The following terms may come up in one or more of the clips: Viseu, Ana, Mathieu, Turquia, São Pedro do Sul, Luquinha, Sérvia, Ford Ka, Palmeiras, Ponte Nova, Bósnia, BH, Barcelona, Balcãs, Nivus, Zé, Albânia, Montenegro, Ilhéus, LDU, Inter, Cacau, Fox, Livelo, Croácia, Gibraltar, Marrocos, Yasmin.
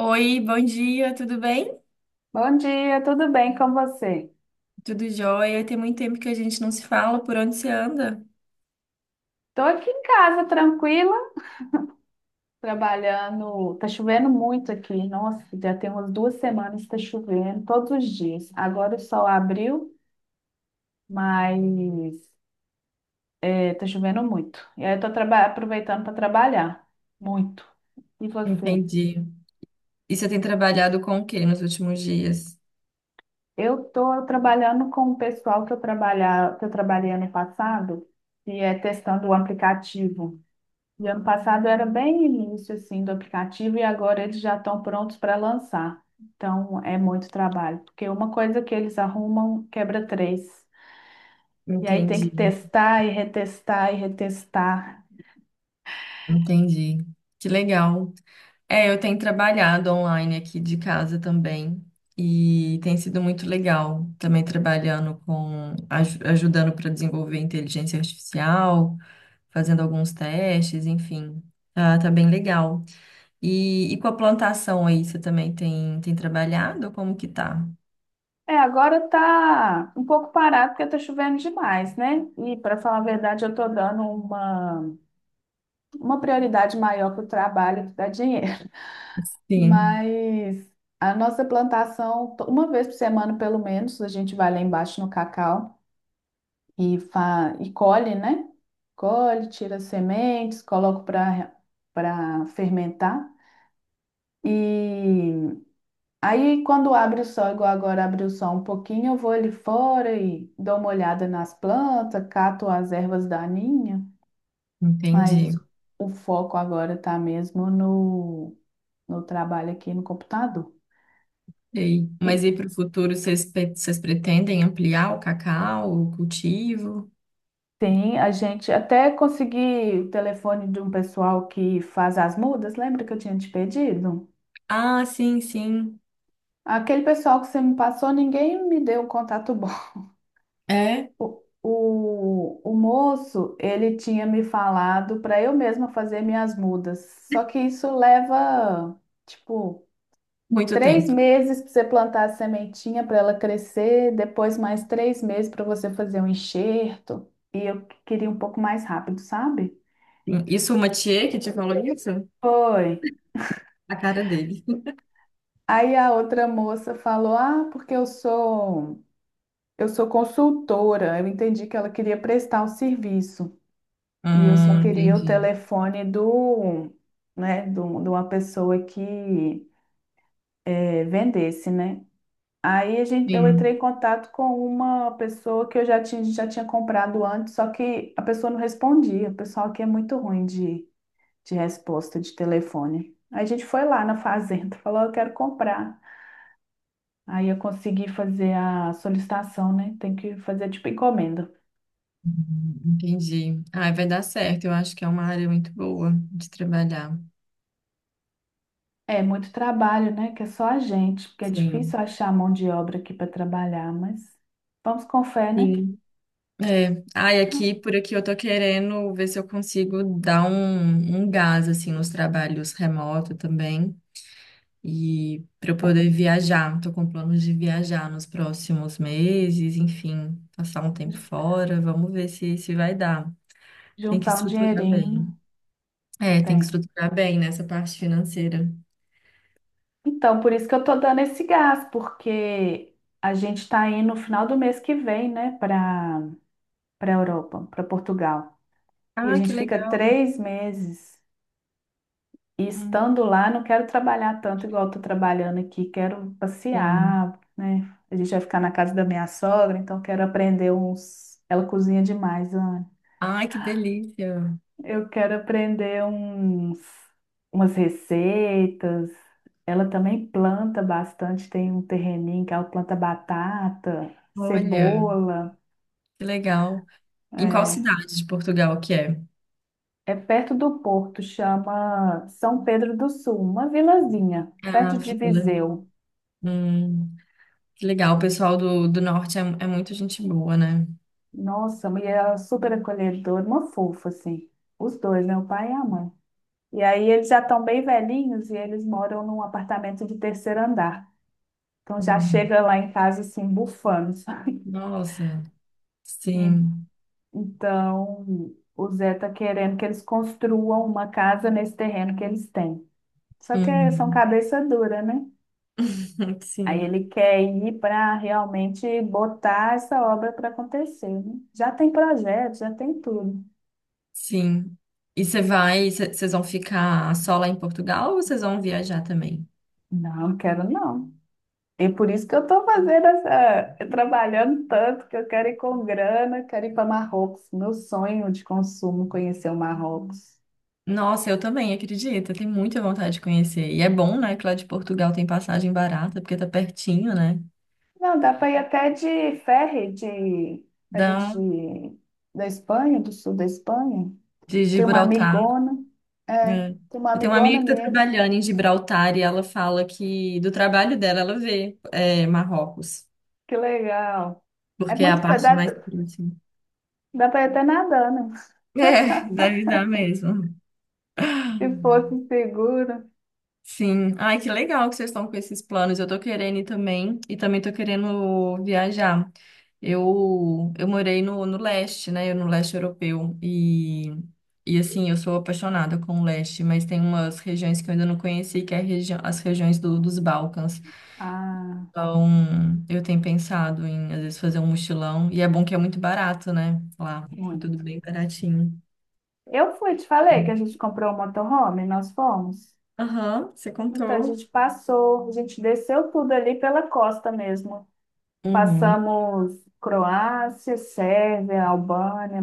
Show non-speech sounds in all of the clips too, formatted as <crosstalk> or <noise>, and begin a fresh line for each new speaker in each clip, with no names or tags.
Oi, bom dia, tudo bem?
Bom dia, tudo bem com você?
Tudo jóia? Tem muito tempo que a gente não se fala, por onde você anda?
Tô aqui em casa, tranquila, trabalhando. Tá chovendo muito aqui. Nossa, já tem umas 2 semanas que tá chovendo, todos os dias. Agora o sol abriu, mas é, tá chovendo muito. E aí eu tô aproveitando para trabalhar, muito. E você?
Entendi. E você tem trabalhado com o que nos últimos dias?
Eu tô trabalhando com o pessoal que eu trabalhei ano passado, e é testando o aplicativo. E ano passado era bem início assim do aplicativo e agora eles já estão prontos para lançar. Então é muito trabalho, porque uma coisa que eles arrumam quebra três. E aí tem que
Entendi.
testar e retestar e retestar.
Entendi. Que legal. É, eu tenho trabalhado online aqui de casa também e tem sido muito legal. Também trabalhando ajudando para desenvolver inteligência artificial, fazendo alguns testes, enfim. Tá, tá bem legal. E com a plantação aí, você também tem trabalhado? Como que tá?
É, agora tá um pouco parado porque tá chovendo demais, né? E para falar a verdade, eu tô dando uma prioridade maior para o trabalho que dá dinheiro. <laughs>
Sim,
Mas a nossa plantação, uma vez por semana pelo menos, a gente vai lá embaixo no Cacau e colhe, né? Colhe, tira as sementes, coloco para fermentar. E aí, quando abre o sol, igual agora abre o sol um pouquinho, eu vou ali fora e dou uma olhada nas plantas, cato as ervas daninhas, mas
entendi.
o foco agora tá mesmo no trabalho aqui no computador.
Ei, mas
E
e para o futuro, vocês pretendem ampliar o cacau, o cultivo?
tem a gente até consegui o telefone de um pessoal que faz as mudas, lembra que eu tinha te pedido?
Ah, sim, sim.
Aquele pessoal que você me passou, ninguém me deu um contato bom.
É?
O moço, ele tinha me falado para eu mesma fazer minhas mudas. Só que isso leva, tipo,
Muito
três
tempo.
meses para você plantar a sementinha para ela crescer, depois mais 3 meses para você fazer um enxerto. E eu queria um pouco mais rápido, sabe?
Sim. Isso o Mathieu que te falou isso?
Foi.
A cara dele.
Aí a outra moça falou: Ah, porque eu sou consultora. Eu entendi que ela queria prestar um serviço. E eu só queria o
Entendi.
telefone do, né, do, de uma pessoa que vendesse, né? Aí a gente, eu entrei
Sim,
em contato com uma pessoa que já tinha comprado antes, só que a pessoa não respondia. O pessoal aqui é muito ruim de resposta de telefone. Aí a gente foi lá na fazenda, <laughs> falou, eu quero comprar. Aí eu consegui fazer a solicitação, né? Tem que fazer tipo encomenda.
uhum, entendi. Ah, vai dar certo. Eu acho que é uma área muito boa de trabalhar.
É muito trabalho, né? Que é só a gente, porque é difícil
Sim.
achar mão de obra aqui para trabalhar, mas vamos com fé, né?
Sim. É, ai, aqui, por aqui eu tô querendo ver se eu consigo dar um gás, assim, nos trabalhos remoto também, e para eu poder viajar, tô com planos de viajar nos próximos meses, enfim, passar um tempo
Ju-
fora, vamos ver se vai dar. Tem que
Juntar um
estruturar bem.
dinheirinho,
É, tem que
tem.
estruturar bem nessa parte financeira.
Então, por isso que eu tô dando esse gás, porque a gente tá indo no final do mês que vem, né, para Europa, para Portugal. E a
Ah, que
gente fica
legal.
3 meses. E
Hum,
estando lá, não quero trabalhar tanto igual estou trabalhando aqui, quero
Sim.
passear, né? A gente vai ficar na casa da minha sogra, então quero aprender uns. Ela cozinha demais, Ana.
Ai, que delícia.
Eu quero aprender uns... umas receitas. Ela também planta bastante, tem um terreninho que ela planta batata,
Olha,
cebola.
que legal. Em qual
É,
cidade de Portugal que é?
é perto do porto, chama São Pedro do Sul, uma vilazinha,
Ah,
perto de
fila.
Viseu.
Hum, que legal, o pessoal do norte é, é muito gente boa, né?
Nossa, e ela era super acolhedora, uma fofa, assim. Os dois, né? O pai e a mãe. E aí eles já estão bem velhinhos e eles moram num apartamento de terceiro andar. Então já
Hum,
chega lá em casa, assim, bufando, sabe?
nossa,
E-
sim.
Então o Zé tá querendo que eles construam uma casa nesse terreno que eles têm. Só que são
Uhum.
cabeça dura, né?
<laughs>
Aí
Sim,
ele quer ir para realmente botar essa obra para acontecer, né? Já tem projeto, já tem tudo.
sim. E você vai, vocês vão ficar só lá em Portugal ou vocês vão viajar também?
Não, quero não. E por isso que eu estou fazendo essa, trabalhando tanto, que eu quero ir com grana, quero ir para Marrocos. Meu sonho de consumo, conhecer o Marrocos.
Nossa, eu também, acredito, eu tenho muita vontade de conhecer. E é bom, né, que lá de Portugal tem passagem barata, porque tá pertinho, né,
Não, dá para ir até de ferry, de, ali
da,
de, da Espanha, do sul da Espanha.
de
Tem uma
Gibraltar.
amigona, é,
É.
tem uma
Eu tenho uma amiga
amigona
que tá
minha,
trabalhando em Gibraltar e ela fala que do trabalho dela ela vê é, Marrocos.
que legal. É
Porque é a
muito,
parte
dá,
mais próxima.
dá para ir até nadando,
É, deve dar mesmo.
<laughs> se fosse seguro.
Sim. Ai, que legal que vocês estão com esses planos. Eu tô querendo ir também, e também tô querendo viajar. Eu morei no leste, né? Eu no leste europeu. E assim, eu sou apaixonada com o leste, mas tem umas regiões que eu ainda não conheci, que é a regi as regiões dos Balcãs.
Ah,
Então, eu tenho pensado em, às vezes, fazer um mochilão. E é bom que é muito barato, né? Lá, é
muito.
tudo bem baratinho.
Eu fui, te falei que a gente comprou um motorhome, nós fomos.
Aham, você
Então, a
contou.
gente passou, a gente desceu tudo ali pela costa mesmo.
Uhum.
Passamos Croácia, Sérvia, Albânia,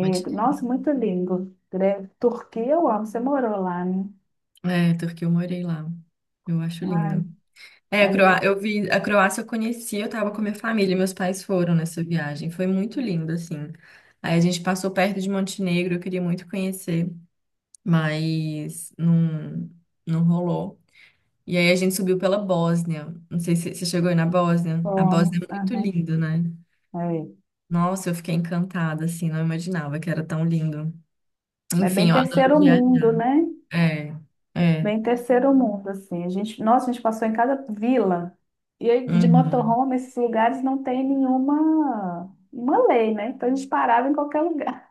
Pode-
Nossa, muito lindo. Turquia, eu amo. Você morou lá, né?
É, Turquia, eu morei lá. Eu acho
Ai,
lindo. É,
ali
Eu vi a Croácia eu conheci, eu tava com a minha família, meus pais foram nessa viagem. Foi muito lindo, assim. Aí a gente passou perto de Montenegro, eu queria muito conhecer, mas não, não rolou. E aí a gente subiu pela Bósnia. Não sei se você chegou aí na Bósnia. A
fomos.
Bósnia é muito
Aham.
linda, né?
É.
Nossa, eu fiquei encantada, assim, não imaginava que era tão lindo.
É
Enfim,
bem
eu adoro
terceiro mundo,
viajar.
né?
É, é.
Bem terceiro mundo, assim. A gente, nossa, a gente passou em cada vila. E aí, de
Uhum.
motorhome, esses lugares não tem nenhuma uma lei, né? Então a gente parava em qualquer lugar.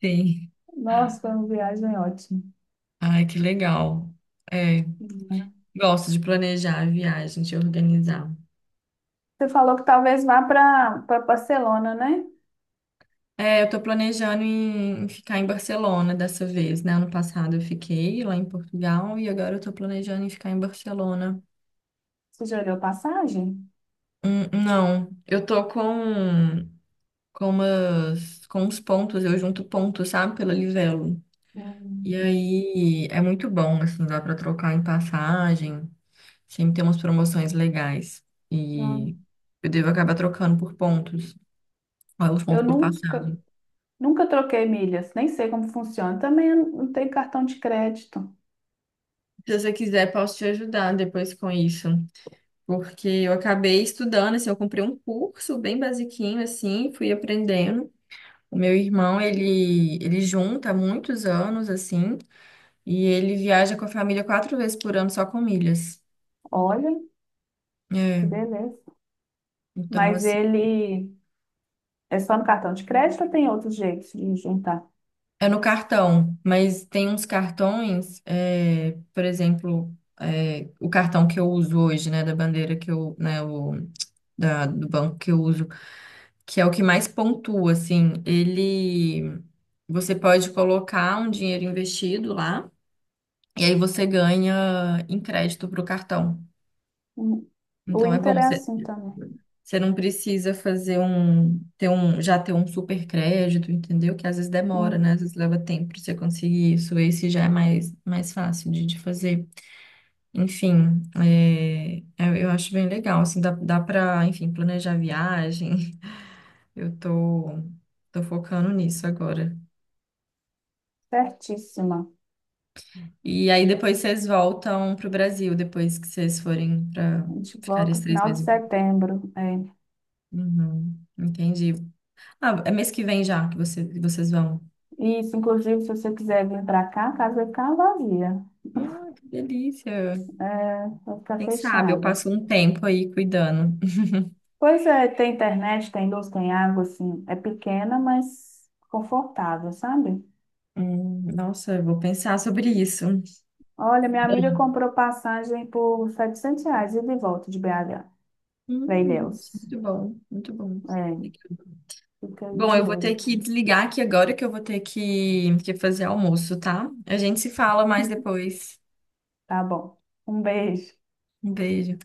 Sim.
Nossa, foi uma viagem ótima.
Ai, que legal. É,
Uhum.
gosto de planejar a viagem, de organizar.
Você falou que talvez vá para Barcelona, né?
É, eu tô planejando em ficar em Barcelona dessa vez, né? Ano passado eu fiquei lá em Portugal e agora eu tô planejando em ficar em Barcelona.
Você já olhou passagem?
Não, eu tô com uns pontos, eu junto pontos, sabe, pela Livelo. E
Hum,
aí é muito bom, assim, dá pra trocar em passagem. Sempre tem umas promoções legais.
Não.
E eu devo acabar trocando por pontos. Olha os
Eu
pontos por
nunca,
passagem.
nunca troquei milhas, nem sei como funciona. Também eu não tenho cartão de crédito.
Se você quiser, posso te ajudar depois com isso. Porque eu acabei estudando, assim, eu comprei um curso bem basiquinho, assim, fui aprendendo. O meu irmão, ele junta há muitos anos, assim, e ele viaja com a família 4 vezes por ano só com milhas.
Olha, que
É,
beleza.
então,
Mas
assim.
ele é só no cartão de crédito ou tem outro jeito de juntar?
É no cartão, mas tem uns cartões, é, por exemplo, é, o cartão que eu uso hoje, né, da bandeira que eu, né, do banco que eu uso, que é o que mais pontua, assim, ele, você pode colocar um dinheiro investido lá, e aí você ganha em crédito pro cartão.
Hum, O
Então é bom,
Inter é
você
assim também.
você não precisa fazer um, ter um, já ter um super crédito, entendeu? Que às vezes demora,
Hum,
né? Às vezes leva tempo para você conseguir isso. Esse já é mais, fácil de fazer. Enfim, é, eu acho bem legal, assim, dá para, enfim, planejar a viagem. <laughs> Eu tô focando nisso agora.
Certíssima.
E aí depois vocês voltam pro Brasil, depois que vocês forem para
A gente
ficar
volta
esses três
final de
meses.
setembro. É.
Uhum, entendi. Ah, é mês que vem já que que vocês vão.
Isso, inclusive, se você quiser vir para cá, a casa vai ficar vazia,
Ah, que delícia.
vai ficar
Quem sabe eu
fechada.
passo um tempo aí cuidando.
Pois é, tem internet, tem luz, tem água, assim, é pequena, mas confortável, sabe?
Nossa, eu vou pensar sobre isso.
Olha, minha amiga comprou passagem por R$ 700 e de volta de BH, para Ilhéus.
Muito bom, muito bom.
É,
Legal.
fica aí
Bom,
de
eu vou ter
olho.
que desligar aqui agora que eu vou ter que fazer almoço, tá? A gente se fala mais depois.
Tá bom. Um beijo.
Um beijo.